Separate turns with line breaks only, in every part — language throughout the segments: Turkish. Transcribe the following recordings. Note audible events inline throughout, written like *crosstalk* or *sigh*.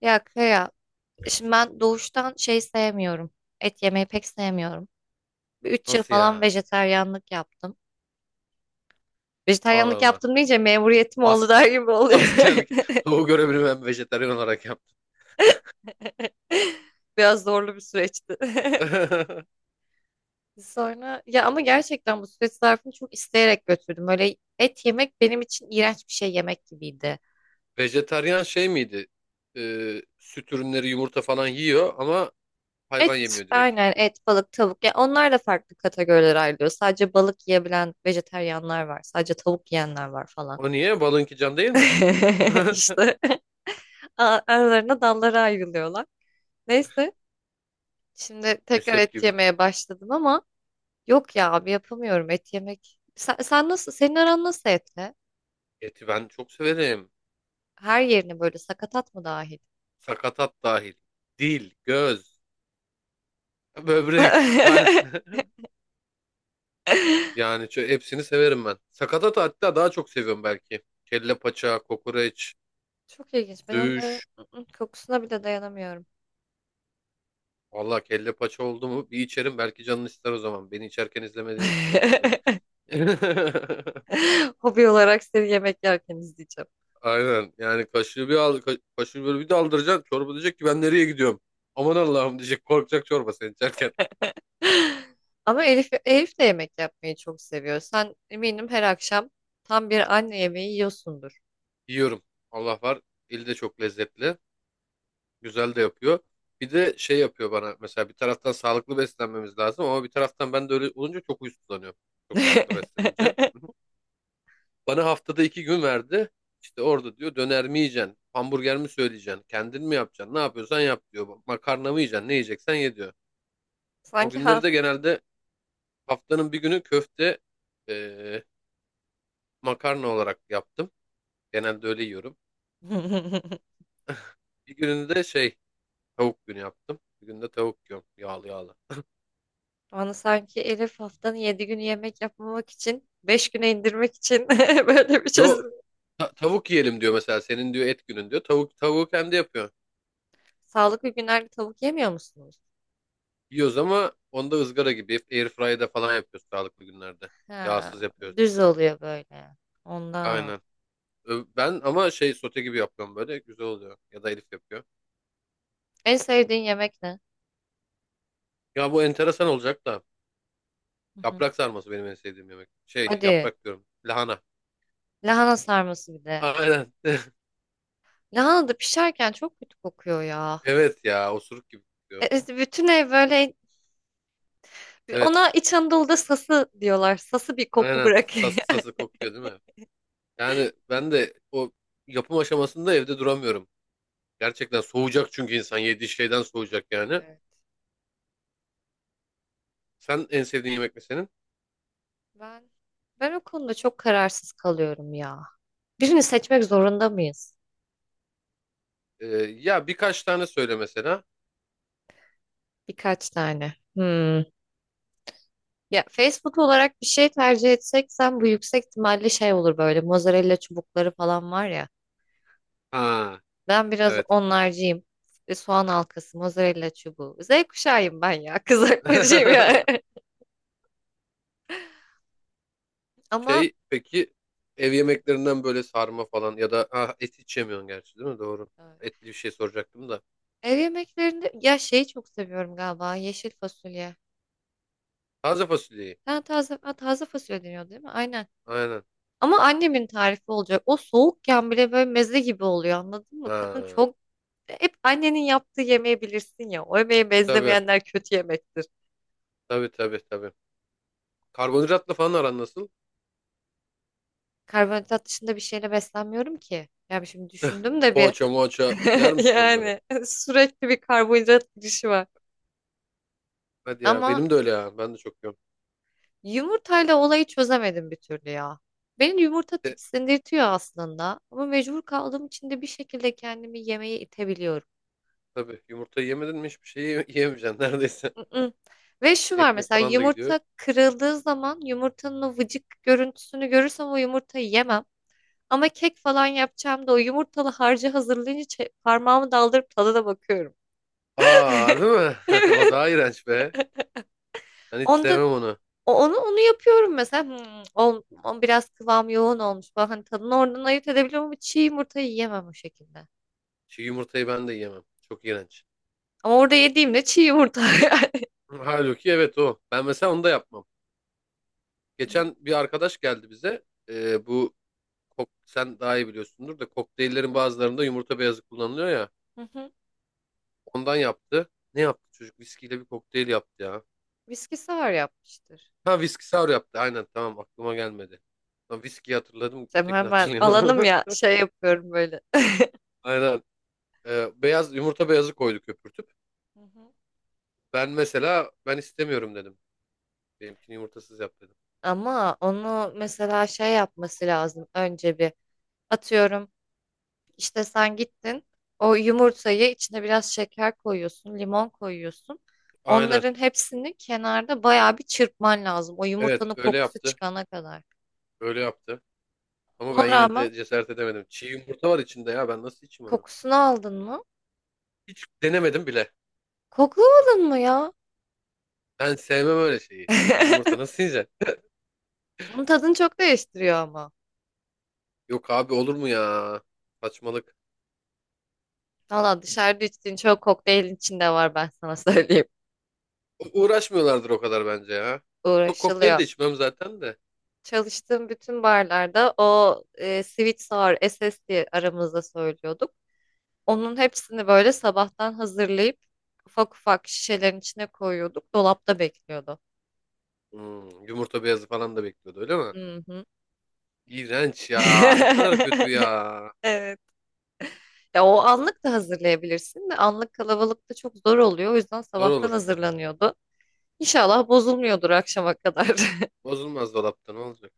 Ya Kaya, şimdi ben doğuştan şey sevmiyorum. Et yemeyi pek sevmiyorum. Bir 3 yıl
Nasıl
falan
ya?
vejetaryenlik yaptım.
Allah
Vejetaryenlik
Allah.
yaptım deyince memuriyetim oldu
Ask *laughs*
der gibi oluyor. *laughs*
askerlik. Doğu görevini ben vejetaryen olarak yaptım.
Biraz zorlu bir süreçti. *laughs*
*laughs*
Sonra ya ama gerçekten bu süreç zarfını çok isteyerek götürdüm. Öyle et yemek benim için iğrenç bir şey yemek gibiydi.
Vejetaryen şey miydi? Süt ürünleri, yumurta falan yiyor ama
Et,
hayvan yemiyor direkt.
aynen et, balık, tavuk. Ya onlar da farklı kategorilere ayrılıyor. Sadece balık yiyebilen vejetaryenler var. Sadece tavuk yiyenler var falan.
O niye? Balınki can değil mi?
*laughs*
*laughs*
İşte. Aralarına dallara ayrılıyorlar. Neyse şimdi tekrar
Mezhep
et
gibi.
yemeye başladım ama yok ya abi yapamıyorum et yemek. Sen nasıl, senin aran nasıl etle?
Eti ben çok severim.
Her yerini böyle sakatat mı dahil?
Sakatat dahil. Dil, göz, böbrek, kalp.
*laughs*
*laughs* Yani hepsini severim ben. Sakatat hatta daha çok seviyorum belki. Kelle paça, kokoreç,
Çok ilginç. Ben onların
söğüş.
kokusuna bile dayanamıyorum.
Vallahi kelle paça oldu mu bir içerim, belki canın ister o zaman. Beni içerken izlemediğin için belki de.
*laughs*
*laughs*
Hobi olarak seni yemek yerken izleyeceğim.
Aynen, yani kaşığı bir al, kaşığı böyle bir daldıracaksın. Çorba diyecek ki ben nereye gidiyorum? Aman Allah'ım diyecek, korkacak çorba sen içerken.
*laughs* Ama Elif de yemek yapmayı çok seviyor. Sen eminim her akşam tam bir anne yemeği yiyorsundur.
Yiyorum. Allah var. Eli de çok lezzetli. Güzel de yapıyor. Bir de şey yapıyor bana mesela, bir taraftan sağlıklı beslenmemiz lazım ama bir taraftan ben de öyle olunca çok huysuzlanıyorum. Çok sağlıklı beslenince.
*laughs*
Bana haftada 2 gün verdi. İşte orada diyor döner mi yiyeceksin? Hamburger mi söyleyeceksin? Kendin mi yapacaksın? Ne yapıyorsan yap diyor. Makarna mı yiyeceksin? Ne yiyeceksen ye diyor. O
Sanki
günleri de
hafta.
genelde haftanın bir günü köfte, eee, makarna olarak yaptım. Genelde öyle yiyorum.
*laughs*
Bir gününde de şey, tavuk günü yaptım. Bir günde tavuk yiyorum. Yağlı yağlı.
Bana sanki Elif haftanın 7 günü yemek yapmamak için 5 güne indirmek için *laughs* böyle bir
Yo,
çözüm.
tavuk yiyelim diyor mesela. Senin diyor et günün diyor. Tavuk, tavuğu kendi yapıyor.
Sağlıklı günlerde tavuk yemiyor musunuz?
Yiyoruz ama onda ızgara gibi airfryer'da falan yapıyoruz sağlıklı günlerde.
Ha,
Yağsız yapıyoruz.
düz oluyor böyle. Ondan.
Aynen. Ben ama şey sote gibi yapıyorum, böyle güzel oluyor. Ya da Elif yapıyor.
En sevdiğin yemek ne?
Ya bu enteresan olacak da
Hı hı.
yaprak sarması benim en sevdiğim yemek. Şey
Hadi.
yaprak diyorum. Lahana.
Lahana sarması bir de.
Aynen. *laughs*
Lahana da pişerken çok kötü kokuyor ya.
Evet ya, osuruk gibi kokuyor.
Bütün ev böyle.
Evet.
Ona İç Anadolu'da sası diyorlar. Sası bir koku
Aynen.
bırakıyor.
Sası sası
*laughs*
kokuyor değil mi? Yani ben de o yapım aşamasında evde duramıyorum. Gerçekten soğuyacak, çünkü insan yediği şeyden soğuyacak yani.
Evet.
Sen en sevdiğin yemek ne senin?
Ben ben o konuda çok kararsız kalıyorum ya. Birini seçmek zorunda mıyız?
Ee, ya birkaç tane söyle mesela.
Birkaç tane. Hmm. Ya Facebook olarak bir şey tercih etsek bu yüksek ihtimalle şey olur, böyle mozzarella çubukları falan var ya.
Ha
Ben biraz
evet.
onlarcıyım. Soğan halkası, mozzarella çubuğu. Z kuşağıyım ben ya. *laughs* Kızartmacıyım ya.
*laughs*
*laughs* Ama
Şey peki, ev yemeklerinden böyle sarma falan ya da ha, et hiç yemiyorsun gerçi değil mi? Doğru.
e,
Etli bir şey soracaktım da.
ev yemeklerinde ya şeyi çok seviyorum galiba. Yeşil fasulye.
Taze fasulyeyi.
Ha, taze fasulye deniyor değil mi? Aynen.
Aynen.
Ama annemin tarifi olacak. O soğukken bile böyle meze gibi oluyor, anladın mı? Kadın
Ha,
çok. Hep annenin yaptığı yemeği bilirsin ya. O yemeği
tabii
benzemeyenler kötü yemektir.
tabii tabii tabii. Karbonhidratla falan aran nasıl?
Karbonhidrat dışında bir şeyle beslenmiyorum ki. Yani şimdi
*laughs*
düşündüm de bir
Poğaça moğaça yer
*laughs*
misin onları?
yani sürekli bir karbonhidrat girişi var.
Hadi ya,
Ama
benim de öyle ya. Ben de çok yiyorum.
yumurtayla olayı çözemedim bir türlü ya. Beni yumurta
De,
tiksindirtiyor aslında. Ama mecbur kaldığım için de bir şekilde kendimi yemeğe itebiliyorum.
tabii yumurta yemedin mi hiçbir şey yiyemeyeceksin neredeyse.
Mm-mm. Ve
*laughs*
şu var,
Ekmek
mesela
falan da gidiyor.
yumurta kırıldığı zaman yumurtanın o vıcık görüntüsünü görürsem o yumurtayı yemem. Ama kek falan yapacağım da o yumurtalı harcı hazırlayınca parmağımı daldırıp tadına bakıyorum.
Aa harbi mi? *laughs* O
*laughs*
daha iğrenç be. Ben hiç
Onda
sevmem onu.
onu yapıyorum mesela. O biraz kıvam yoğun olmuş. Bak hani tadını oradan ayırt edebiliyorum ama çiğ yumurtayı yiyemem o şekilde.
Çiğ yumurtayı ben de yiyemem. Çok iğrenç.
Ama orada yediğimde çiğ yumurta *laughs* yani.
Halbuki evet o. Ben mesela onu da yapmam.
Bil-
Geçen bir arkadaş geldi bize. Bu sen daha iyi biliyorsundur da, kokteyllerin bazılarında yumurta beyazı kullanılıyor ya.
Hı hı.
Ondan yaptı. Ne yaptı çocuk? Viskiyle bir kokteyl yaptı ya.
Viskisi var, yapmıştır.
Ha, viski sour yaptı. Aynen tamam, aklıma gelmedi. Lan viskiyi hatırladım,
Sen
ötekini
hemen alanım
hatırlayamadım.
ya, şey yapıyorum böyle.
*laughs* Aynen. Beyaz yumurta beyazı koydu köpürtüp.
Hı hı.
Ben mesela, ben istemiyorum dedim. Benimkini yumurtasız yap dedim.
Ama onu mesela şey yapması lazım. Önce bir atıyorum. İşte sen gittin, o yumurtayı içine biraz şeker koyuyorsun, limon koyuyorsun.
Aynen.
Onların hepsini kenarda bayağı bir çırpman lazım. O
Evet
yumurtanın
öyle
kokusu
yaptı.
çıkana kadar.
Öyle yaptı. Ama
Ona
ben yine
rağmen
de cesaret edemedim. Çiğ yumurta var içinde ya. Ben nasıl içeyim onu?
kokusunu aldın mı?
Hiç denemedim bile.
Koklamadın mı ya?
Ben sevmem öyle şeyi. Çiğ yumurta
*laughs*
nasıl yiyeceksin?
Bunun tadını çok değiştiriyor ama.
Yok abi, olur mu ya? Saçmalık.
Valla dışarıda içtiğin çok kokteylin içinde var, ben sana *laughs* söyleyeyim.
Uğraşmıyorlardır o kadar bence ya. Çok kokteyl de
Uğraşılıyor.
içmem zaten de.
Çalıştığım bütün barlarda o sweet sour SS diye aramızda söylüyorduk. Onun hepsini böyle sabahtan hazırlayıp ufak ufak şişelerin içine koyuyorduk. Dolapta bekliyordu.
Hmm, yumurta beyazı falan da bekliyordu öyle mi?
Hı hı.
İğrenç ya. Ne kadar kötü
*laughs*
ya.
Evet. Ya o anlık da hazırlayabilirsin de anlık kalabalıkta çok zor oluyor. O yüzden
Zor
sabahtan
olur.
hazırlanıyordu. İnşallah bozulmuyordur akşama kadar. *laughs*
Bozulmaz, dolapta ne olacak?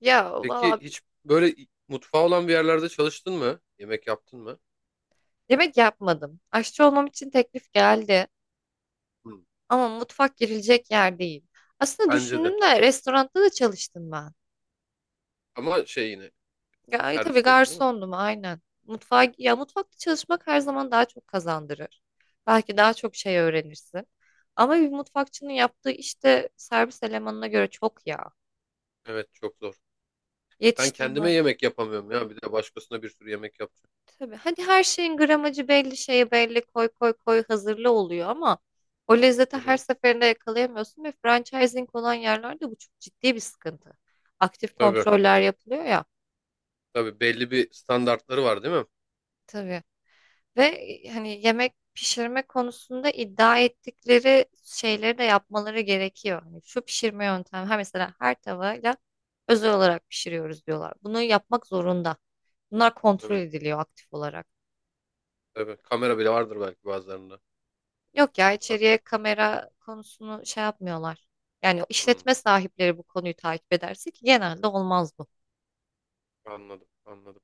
Ya
Peki
valla
hiç böyle mutfağı olan bir yerlerde çalıştın mı? Yemek yaptın mı?
yemek yapmadım. Aşçı olmam için teklif geldi.
Hmm,
Ama mutfak girilecek yer değil. Aslında
bence de.
düşündüm de restoranda da çalıştım ben.
Ama şey yine,
Ya, tabii
servisleydin değil mi?
garsondum aynen. Mutfağa, ya mutfakta çalışmak her zaman daha çok kazandırır. Belki daha çok şey öğrenirsin. Ama bir mutfakçının yaptığı işte servis elemanına göre çok ya.
Evet çok zor. Ben kendime
Yetiştirmen.
yemek yapamıyorum ya. Bir de başkasına bir sürü yemek yapacağım.
Tabii. Hadi her şeyin gramajı belli, şeyi belli, koy koy koy hazırlı oluyor ama o lezzeti
Hı
her
hı.
seferinde yakalayamıyorsun ve franchising olan yerlerde bu çok ciddi bir sıkıntı. Aktif
Tabii.
kontroller yapılıyor ya.
Tabii belli bir standartları var değil mi?
Tabii. Ve hani yemek pişirme konusunda iddia ettikleri şeyleri de yapmaları gerekiyor. Hani şu pişirme yöntemi, ha mesela her tavayla özel olarak pişiriyoruz diyorlar. Bunu yapmak zorunda. Bunlar kontrol
Tabii.
ediliyor aktif olarak.
Tabii. Kamera bile vardır belki bazılarında
Yok ya, içeriye
mutfakta.
kamera konusunu şey yapmıyorlar. Yani
Hı.
işletme sahipleri bu konuyu takip ederse, ki genelde olmaz bu.
Anladım. Anladım.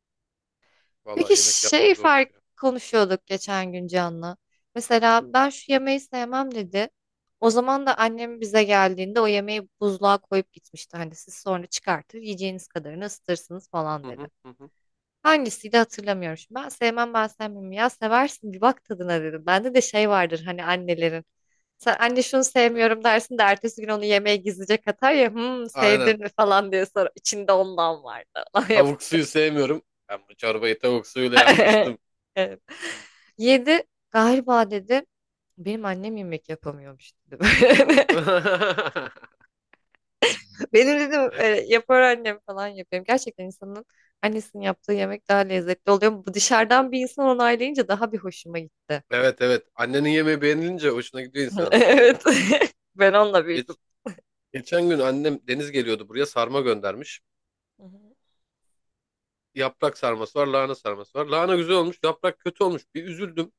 Peki
Vallahi yemek
şey
yapmak zor iş
fark
ya.
konuşuyorduk geçen gün Can'la. Mesela ben şu yemeği sevmem dedi. O zaman da annem bize geldiğinde o yemeği buzluğa koyup gitmişti. Hani siz sonra çıkartır yiyeceğiniz kadarını ısıtırsınız falan
Hı
dedi.
hı, hı hı.
Hangisiydi hatırlamıyorum şimdi. Ben sevmem ben sevmem ya seversin, bir bak tadına dedim. Bende de şey vardır hani, annelerin. Sen anne şunu sevmiyorum dersin de ertesi gün onu yemeğe gizlice katar ya, "Hmm,
Aynen.
sevdin mi" falan diye. Sonra içinde ondan vardı. *laughs*
Tavuk suyu sevmiyorum. Ben bu çorbayı tavuk suyuyla
Yapar.
yapmıştım.
*laughs* Yedi galiba dedi. Benim annem yemek yapamıyormuş dedi. *laughs* Böyle.
*laughs*
Benim dedim yapar annem falan yapıyorum. Gerçekten insanın annesinin yaptığı yemek daha lezzetli oluyor. Bu dışarıdan bir insan onaylayınca daha bir hoşuma gitti.
Evet evet. Annenin yemeği beğenilince hoşuna gidiyor
*laughs*
insan.
Evet. *laughs* Ben onunla büyüdüm.
Geç, geçen gün annem Deniz geliyordu buraya, sarma göndermiş.
Hı
Yaprak sarması var, lahana sarması var. Lahana güzel olmuş, yaprak kötü olmuş. Bir üzüldüm.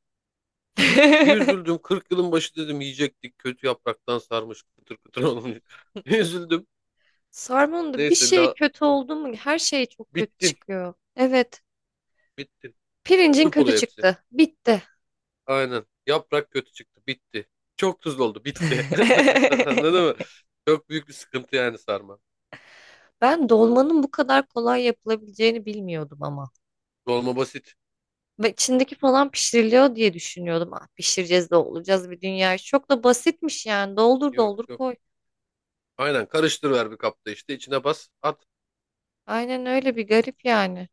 Bir
hı.
üzüldüm. 40 yılın başı dedim yiyecektik. Kötü yapraktan sarmış, kıtır kıtır olmuş. *laughs* Bir
*laughs*
üzüldüm.
Sarmanında bir
Neyse
şey
la,
kötü oldu mu her şey çok kötü
bittin,
çıkıyor. Evet.
bittin.
Pirincin
Çöp
kötü
oluyor hepsi.
çıktı. Bitti.
Aynen. Yaprak kötü çıktı, bitti. Çok tuzlu oldu, bitti. *laughs* Anladın
*laughs*
mı? Çok büyük bir sıkıntı yani sarma.
Ben dolmanın bu kadar kolay yapılabileceğini bilmiyordum ama.
Dolma basit.
Ve içindeki falan pişiriliyor diye düşünüyordum. Ah, pişireceğiz de olacağız bir dünya. Çok da basitmiş yani. Doldur
Yok
doldur
yok.
koy.
Aynen, karıştır ver bir kapta, işte içine bas at.
Aynen, öyle bir garip yani.